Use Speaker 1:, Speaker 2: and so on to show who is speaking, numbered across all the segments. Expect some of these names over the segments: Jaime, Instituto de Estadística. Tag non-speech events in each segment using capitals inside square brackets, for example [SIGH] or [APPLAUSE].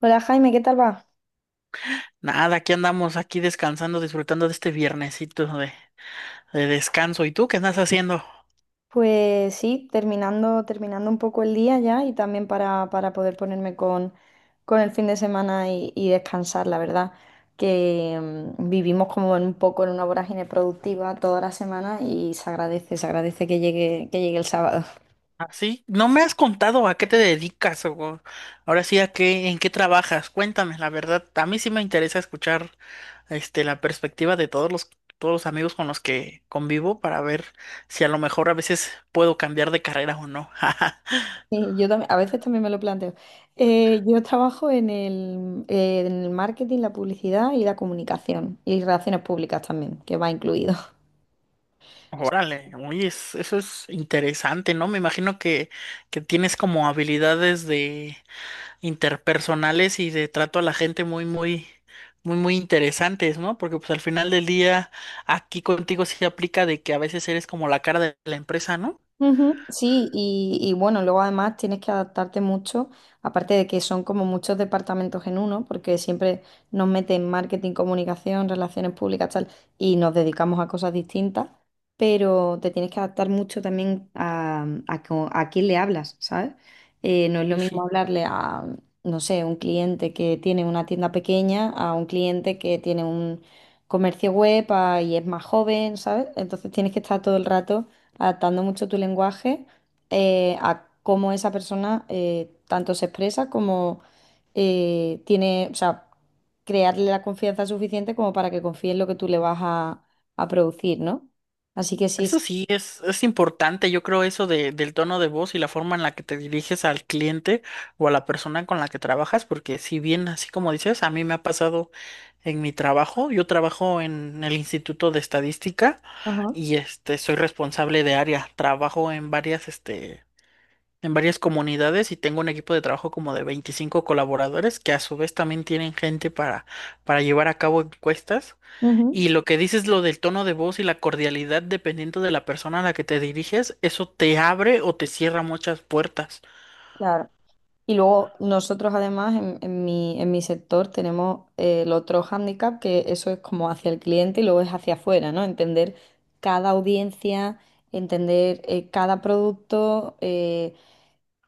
Speaker 1: Hola Jaime, ¿qué tal va?
Speaker 2: Nada, aquí andamos, aquí descansando, disfrutando de este viernesito de descanso. ¿Y tú qué estás haciendo?
Speaker 1: Pues sí, terminando un poco el día ya y también para poder ponerme con el fin de semana y descansar, la verdad, que vivimos como en un poco en una vorágine productiva toda la semana y se agradece que llegue el sábado. [LAUGHS]
Speaker 2: Así, no me has contado a qué te dedicas o ahora sí a qué, en qué trabajas. Cuéntame, la verdad, a mí sí me interesa escuchar la perspectiva de todos los amigos con los que convivo para ver si a lo mejor a veces puedo cambiar de carrera o no. [LAUGHS]
Speaker 1: Sí, yo también, a veces también me lo planteo. Yo trabajo en el marketing, la publicidad y la comunicación y relaciones públicas también, que va incluido.
Speaker 2: Órale, oye, eso es interesante, ¿no? Me imagino que tienes como habilidades de interpersonales y de trato a la gente muy interesantes, ¿no? Porque pues al final del día aquí contigo sí aplica de que a veces eres como la cara de la empresa, ¿no?
Speaker 1: Ujú. Sí, y bueno, luego además tienes que adaptarte mucho, aparte de que son como muchos departamentos en uno, porque siempre nos meten marketing, comunicación, relaciones públicas, tal, y nos dedicamos a cosas distintas, pero te tienes que adaptar mucho también a quién le hablas, ¿sabes? No es lo
Speaker 2: Y
Speaker 1: mismo
Speaker 2: sí.
Speaker 1: hablarle a, no sé, un cliente que tiene una tienda pequeña, a un cliente que tiene un comercio web y es más joven, ¿sabes? Entonces tienes que estar todo el rato adaptando mucho tu lenguaje a cómo esa persona tanto se expresa como tiene, o sea, crearle la confianza suficiente como para que confíe en lo que tú le vas a producir, ¿no? Así que sí,
Speaker 2: Eso
Speaker 1: sí.
Speaker 2: sí, es importante, yo creo eso del tono de voz y la forma en la que te diriges al cliente o a la persona con la que trabajas, porque si bien, así como dices, a mí me ha pasado en mi trabajo. Yo trabajo en el Instituto de Estadística
Speaker 1: Ajá.
Speaker 2: y soy responsable de área, trabajo en varias en varias comunidades y tengo un equipo de trabajo como de 25 colaboradores que a su vez también tienen gente para llevar a cabo encuestas.
Speaker 1: Ujú,
Speaker 2: Y lo que dices, lo del tono de voz y la cordialidad dependiendo de la persona a la que te diriges, eso te abre o te cierra muchas puertas.
Speaker 1: claro. Y luego nosotros además en mi sector tenemos el otro hándicap, que eso es como hacia el cliente y luego es hacia afuera, ¿no? Entender cada audiencia, entender cada producto.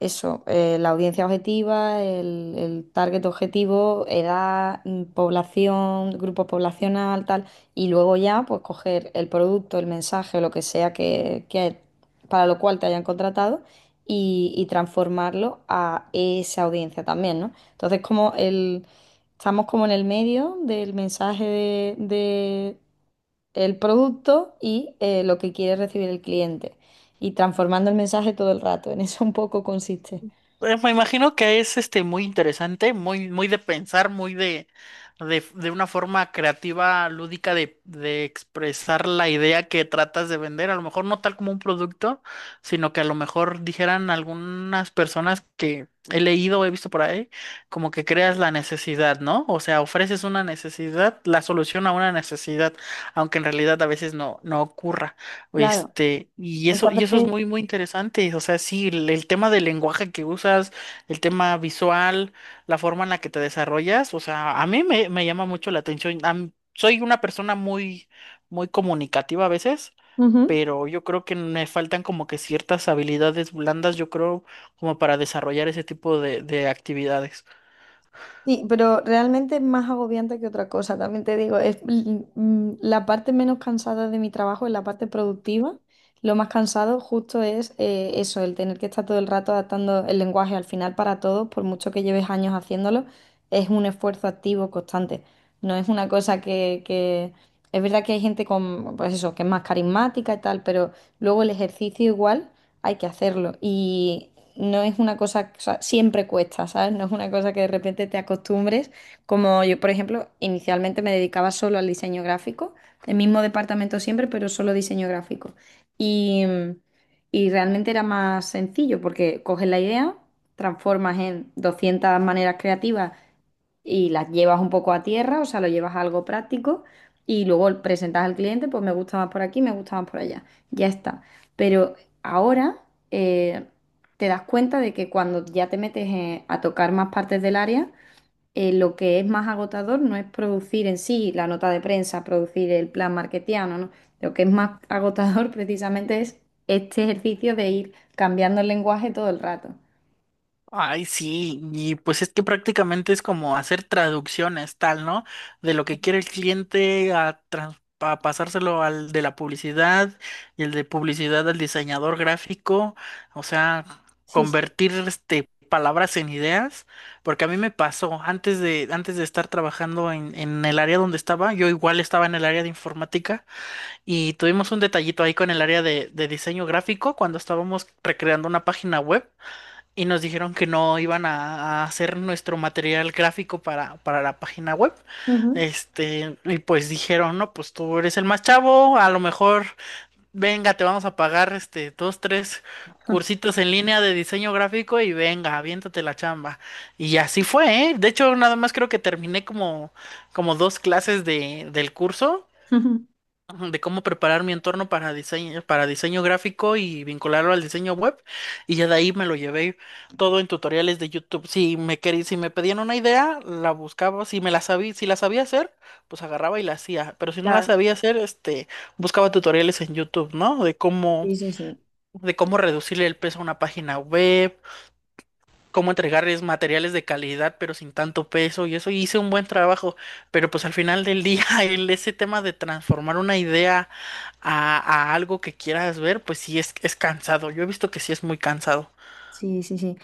Speaker 1: Eso, la audiencia objetiva, el target objetivo, edad, población, grupo poblacional, tal, y luego ya pues coger el producto, el mensaje, lo que sea que para lo cual te hayan contratado y transformarlo a esa audiencia también, ¿no? Entonces como el, estamos como en el medio del mensaje de el producto y lo que quiere recibir el cliente y transformando el mensaje todo el rato, en eso un poco consiste.
Speaker 2: Me imagino que es muy interesante, muy de pensar, muy de una forma creativa, lúdica de expresar la idea que tratas de vender. A lo mejor no tal como un producto, sino que a lo mejor dijeran algunas personas que he leído, o he visto por ahí, como que creas la necesidad, ¿no? O sea, ofreces una necesidad, la solución a una necesidad, aunque en realidad a veces no, no ocurra.
Speaker 1: Claro, muchas
Speaker 2: Y eso es
Speaker 1: veces.
Speaker 2: muy interesante. O sea, sí, el tema del lenguaje que usas, el tema visual, la forma en la que te desarrollas. O sea, a mí me llama mucho la atención. Soy una persona muy comunicativa a veces,
Speaker 1: Ujú.
Speaker 2: pero yo creo que me faltan como que ciertas habilidades blandas, yo creo, como para desarrollar ese tipo de actividades.
Speaker 1: Sí, pero realmente es más agobiante que otra cosa, también te digo, es la parte menos cansada de mi trabajo es la parte productiva. Lo más cansado justo es eso, el tener que estar todo el rato adaptando el lenguaje al final para todos, por mucho que lleves años haciéndolo, es un esfuerzo activo constante. No es una cosa que... Es verdad que hay gente con, pues eso, que es más carismática y tal, pero luego el ejercicio igual hay que hacerlo. Y no es una cosa, o sea, siempre cuesta, ¿sabes? No es una cosa que de repente te acostumbres. Como yo, por ejemplo, inicialmente me dedicaba solo al diseño gráfico, el mismo departamento siempre, pero solo diseño gráfico. Y, y realmente era más sencillo porque coges la idea, transformas en 200 maneras creativas y las llevas un poco a tierra, o sea, lo llevas a algo práctico y luego presentas al cliente, pues me gusta más por aquí, me gusta más por allá. Ya está. Pero ahora eh, te das cuenta de que cuando ya te metes a tocar más partes del área, lo que es más agotador no es producir en sí la nota de prensa, producir el plan marketiano, ¿no? Lo que es más [LAUGHS] agotador precisamente es este ejercicio de ir cambiando el lenguaje todo el rato.
Speaker 2: Ay, sí, y pues es que prácticamente es como hacer traducciones, tal, ¿no? De lo que quiere el cliente a, a pasárselo al de la publicidad y el de publicidad al diseñador gráfico. O sea,
Speaker 1: Sí, sí.
Speaker 2: convertir palabras en ideas, porque a mí me pasó antes de estar trabajando en el área donde estaba. Yo igual estaba en el área de informática y tuvimos un detallito ahí con el área de diseño gráfico cuando estábamos recreando una página web y nos dijeron que no iban a hacer nuestro material gráfico para la página web.
Speaker 1: Ujú.
Speaker 2: Y pues dijeron, no, pues tú eres el más chavo, a lo mejor, venga, te vamos a pagar dos, tres cursitos en línea de diseño gráfico y venga, aviéntate la chamba. Y así fue, ¿eh? De hecho, nada más creo que terminé como dos clases del curso.
Speaker 1: [LAUGHS]
Speaker 2: Ajá, de cómo preparar mi entorno para diseño gráfico y vincularlo al diseño web. Y ya de ahí me lo llevé todo en tutoriales de YouTube. Si si me pedían una idea, la buscaba. Si la sabía hacer, pues agarraba y la hacía. Pero si no la
Speaker 1: Claro,
Speaker 2: sabía hacer, buscaba tutoriales en YouTube, ¿no?
Speaker 1: sí, sí, sí.
Speaker 2: De cómo reducirle el peso a una página web, cómo entregarles materiales de calidad, pero sin tanto peso. Y eso, hice un buen trabajo. Pero pues al final del día, [LAUGHS] ese tema de transformar una idea a algo que quieras ver, pues sí es cansado. Yo he visto que sí es muy cansado.
Speaker 1: Sí, sí, sí.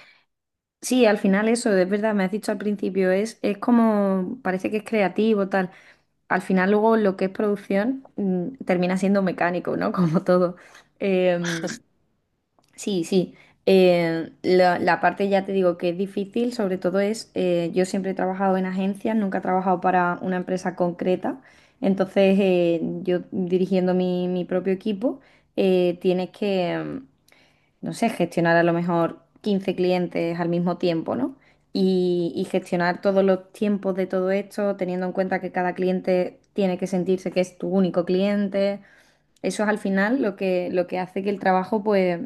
Speaker 1: Sí, al final eso, es verdad, me has dicho al principio, es como, parece que es creativo, tal. Al final luego lo que es producción termina siendo mecánico, ¿no? [LAUGHS] Como todo. Eh, sí, sí. La, la parte ya te digo que es difícil, sobre todo es, yo siempre he trabajado en agencias, nunca he trabajado para una empresa concreta. Entonces, yo dirigiendo mi, mi propio equipo, tienes que, no sé, gestionar a lo mejor 15 clientes al mismo tiempo, ¿no? Y gestionar todos los tiempos de todo esto, teniendo en cuenta que cada cliente tiene que sentirse que es tu único cliente. Eso es al final lo que hace que el trabajo pues,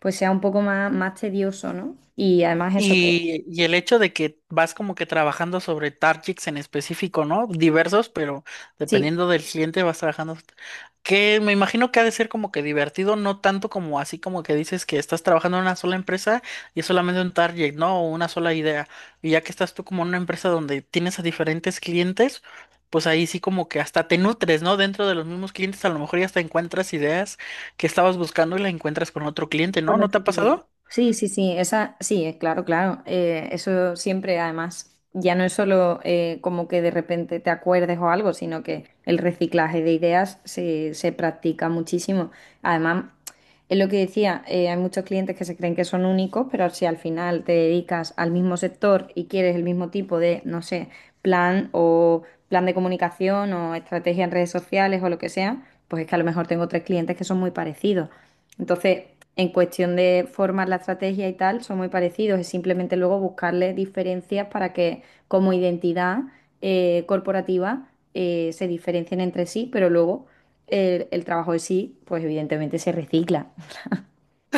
Speaker 1: pues sea un poco más, más tedioso, ¿no? Y además eso que...
Speaker 2: Y el hecho de que vas como que trabajando sobre targets en específico, ¿no? Diversos, pero
Speaker 1: Sí.
Speaker 2: dependiendo del cliente vas trabajando. Que me imagino que ha de ser como que divertido, no tanto como así como que dices que estás trabajando en una sola empresa y es solamente un target, ¿no? O una sola idea. Y ya que estás tú como en una empresa donde tienes a diferentes clientes, pues ahí sí como que hasta te nutres, ¿no? Dentro de los mismos clientes a lo mejor ya hasta encuentras ideas que estabas buscando y la encuentras con otro cliente, ¿no?
Speaker 1: Con
Speaker 2: ¿No te
Speaker 1: otro
Speaker 2: ha
Speaker 1: cliente.
Speaker 2: pasado?
Speaker 1: Sí, sí, sí, esa, sí, claro, claro. Eso siempre, además, ya no es solo como que de repente te acuerdes o algo, sino que el reciclaje de ideas se, se practica muchísimo. Además, es lo que decía, hay muchos clientes que se creen que son únicos, pero si al final te dedicas al mismo sector y quieres el mismo tipo de, no sé, plan o plan de comunicación o estrategia en redes sociales o lo que sea, pues es que a lo mejor tengo tres clientes que son muy parecidos. Entonces, en cuestión de formar la estrategia y tal, son muy parecidos. Es simplemente luego buscarle diferencias para que como identidad corporativa se diferencien entre sí, pero luego el trabajo en sí, pues evidentemente se recicla.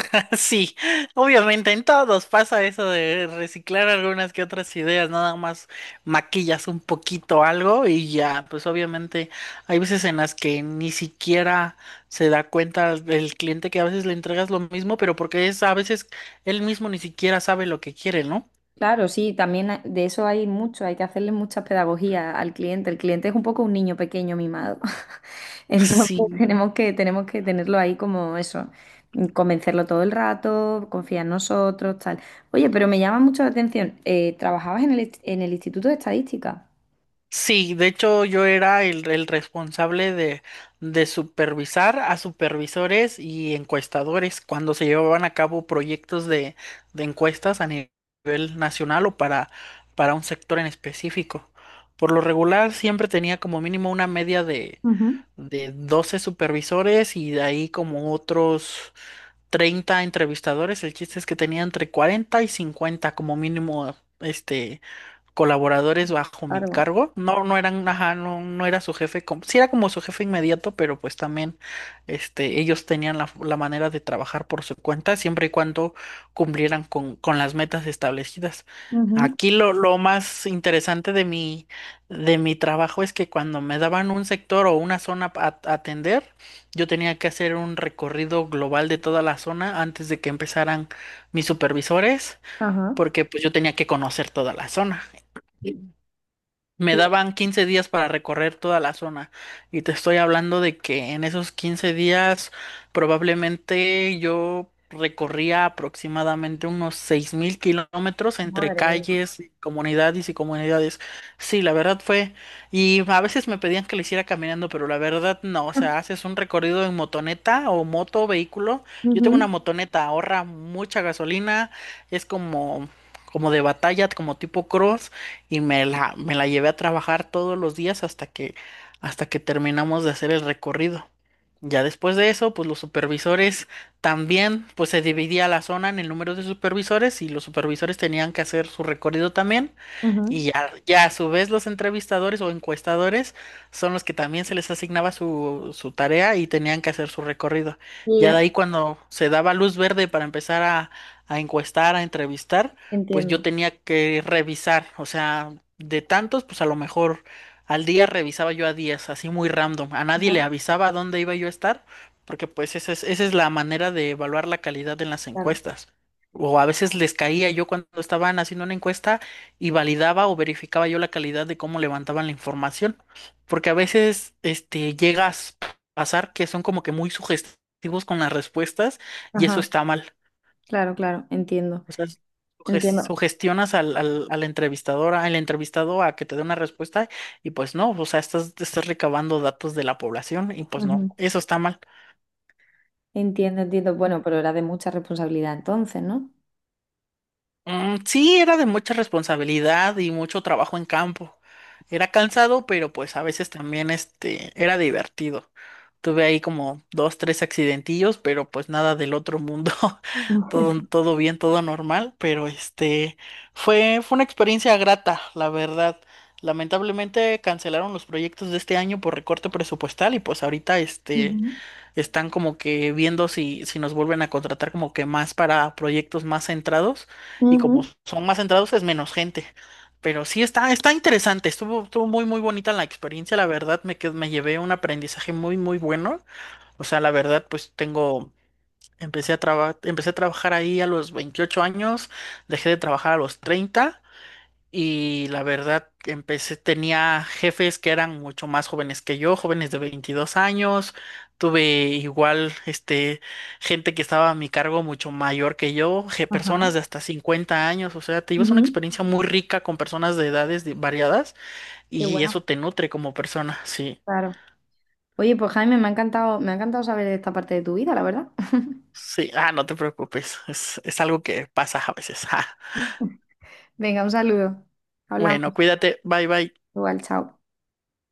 Speaker 2: [LAUGHS] Sí, obviamente en todos pasa eso de reciclar algunas que otras ideas, nada más maquillas un poquito algo y ya, pues obviamente hay veces en las que ni siquiera se da cuenta el cliente que a veces le entregas lo mismo, pero porque es a veces él mismo ni siquiera sabe lo que quiere, ¿no?
Speaker 1: Claro, sí, también de eso hay mucho, hay que hacerle mucha pedagogía al cliente. El cliente es un poco un niño pequeño mimado. [LAUGHS]
Speaker 2: [LAUGHS]
Speaker 1: Entonces
Speaker 2: Sí.
Speaker 1: tenemos que tenerlo ahí como eso, convencerlo todo el rato, confía en nosotros, tal. Oye, pero me llama mucho la atención, trabajabas en el, en el Instituto de Estadística.
Speaker 2: Sí, de hecho yo era el responsable de supervisar a supervisores y encuestadores cuando se llevaban a cabo proyectos de encuestas a nivel nacional o para un sector en específico. Por lo regular siempre tenía como mínimo una media
Speaker 1: Ujú.
Speaker 2: de 12 supervisores y de ahí como otros 30 entrevistadores. El chiste es que tenía entre 40 y 50 como mínimo colaboradores bajo mi
Speaker 1: Claro.
Speaker 2: cargo. No, no eran, ajá, no, no era su jefe, como, sí era como su jefe inmediato, pero pues también ellos tenían la manera de trabajar por su cuenta, siempre y cuando cumplieran con las metas establecidas.
Speaker 1: Ujú.
Speaker 2: Aquí lo más interesante de de mi trabajo es que cuando me daban un sector o una zona a atender, yo tenía que hacer un recorrido global de toda la zona antes de que empezaran mis supervisores,
Speaker 1: Ajá.
Speaker 2: porque pues yo tenía que conocer toda la zona. Me
Speaker 1: Y,
Speaker 2: daban 15 días para recorrer toda la zona y te estoy hablando de que en esos 15 días probablemente yo recorría aproximadamente unos 6.000 kilómetros entre
Speaker 1: madre mía.
Speaker 2: calles, comunidades y comunidades. Sí, la verdad fue, y a veces me pedían que lo hiciera caminando, pero la verdad no. O sea,
Speaker 1: [LAUGHS]
Speaker 2: haces un recorrido en motoneta o moto, vehículo. Yo tengo una
Speaker 1: Ujú.
Speaker 2: motoneta, ahorra mucha gasolina, es como... como de batalla, como tipo cross, y me la llevé a trabajar todos los días hasta que terminamos de hacer el recorrido. Ya después de eso, pues los supervisores también, pues se dividía la zona en el número de supervisores y los supervisores tenían que hacer su recorrido también.
Speaker 1: Ujú.
Speaker 2: Ya a su vez los entrevistadores o encuestadores son los que también se les asignaba su tarea y tenían que hacer su recorrido.
Speaker 1: Y
Speaker 2: Ya
Speaker 1: yo
Speaker 2: de ahí cuando se daba luz verde para empezar a encuestar, a entrevistar, pues yo
Speaker 1: entiendo.
Speaker 2: tenía que revisar. O sea, de tantos, pues a lo mejor al día revisaba yo a 10, así muy random. A nadie le
Speaker 1: Ujú,
Speaker 2: avisaba a dónde iba yo a estar, porque pues esa esa es la manera de evaluar la calidad en las
Speaker 1: claro.
Speaker 2: encuestas. O a veces les caía yo cuando estaban haciendo una encuesta y validaba o verificaba yo la calidad de cómo levantaban la información, porque a veces llegas a pasar que son como que muy sugestivos con las respuestas y eso
Speaker 1: Ajá,
Speaker 2: está mal.
Speaker 1: claro, claro, entiendo,
Speaker 2: O sea,
Speaker 1: entiendo.
Speaker 2: sugestionas al entrevistador, al entrevistado a que te dé una respuesta y pues no. O sea, estás, estás recabando datos de la población y pues no, eso está mal.
Speaker 1: Entiendo, entiendo. Bueno, pero era de mucha responsabilidad entonces, ¿no?
Speaker 2: Mm, sí, era de mucha responsabilidad y mucho trabajo en campo. Era cansado, pero pues a veces también era divertido. Tuve ahí como dos, tres accidentillos, pero pues nada del otro mundo. [LAUGHS] Todo,
Speaker 1: [LAUGHS]
Speaker 2: todo bien, todo normal, pero fue, fue una experiencia grata, la verdad. Lamentablemente cancelaron los proyectos de este año por recorte presupuestal y pues ahorita
Speaker 1: Ujú.
Speaker 2: están como que viendo si, si nos vuelven a contratar como que más para proyectos más centrados, y como
Speaker 1: Ujú.
Speaker 2: son más centrados es menos gente. Pero sí está, está interesante, estuvo, estuvo muy muy bonita la experiencia. La verdad me llevé un aprendizaje muy muy bueno. O sea, la verdad pues tengo, empecé a trabajar ahí a los 28 años, dejé de trabajar a los 30 y la verdad, empecé, tenía jefes que eran mucho más jóvenes que yo, jóvenes de 22 años. Tuve igual, gente que estaba a mi cargo mucho mayor que yo,
Speaker 1: Ajá.
Speaker 2: personas de hasta 50 años. O sea, te llevas una
Speaker 1: Ujú.
Speaker 2: experiencia muy rica con personas de edades variadas
Speaker 1: Qué
Speaker 2: y
Speaker 1: bueno,
Speaker 2: eso te nutre como persona. Sí,
Speaker 1: claro. Oye, pues Jaime, me ha encantado saber esta parte de tu vida, la verdad. [LAUGHS]
Speaker 2: sí. Ah, no te preocupes. Es algo que pasa a veces. [LAUGHS] Ah.
Speaker 1: Venga, un saludo. Hablamos
Speaker 2: Bueno, cuídate. Bye, bye.
Speaker 1: igual, chao.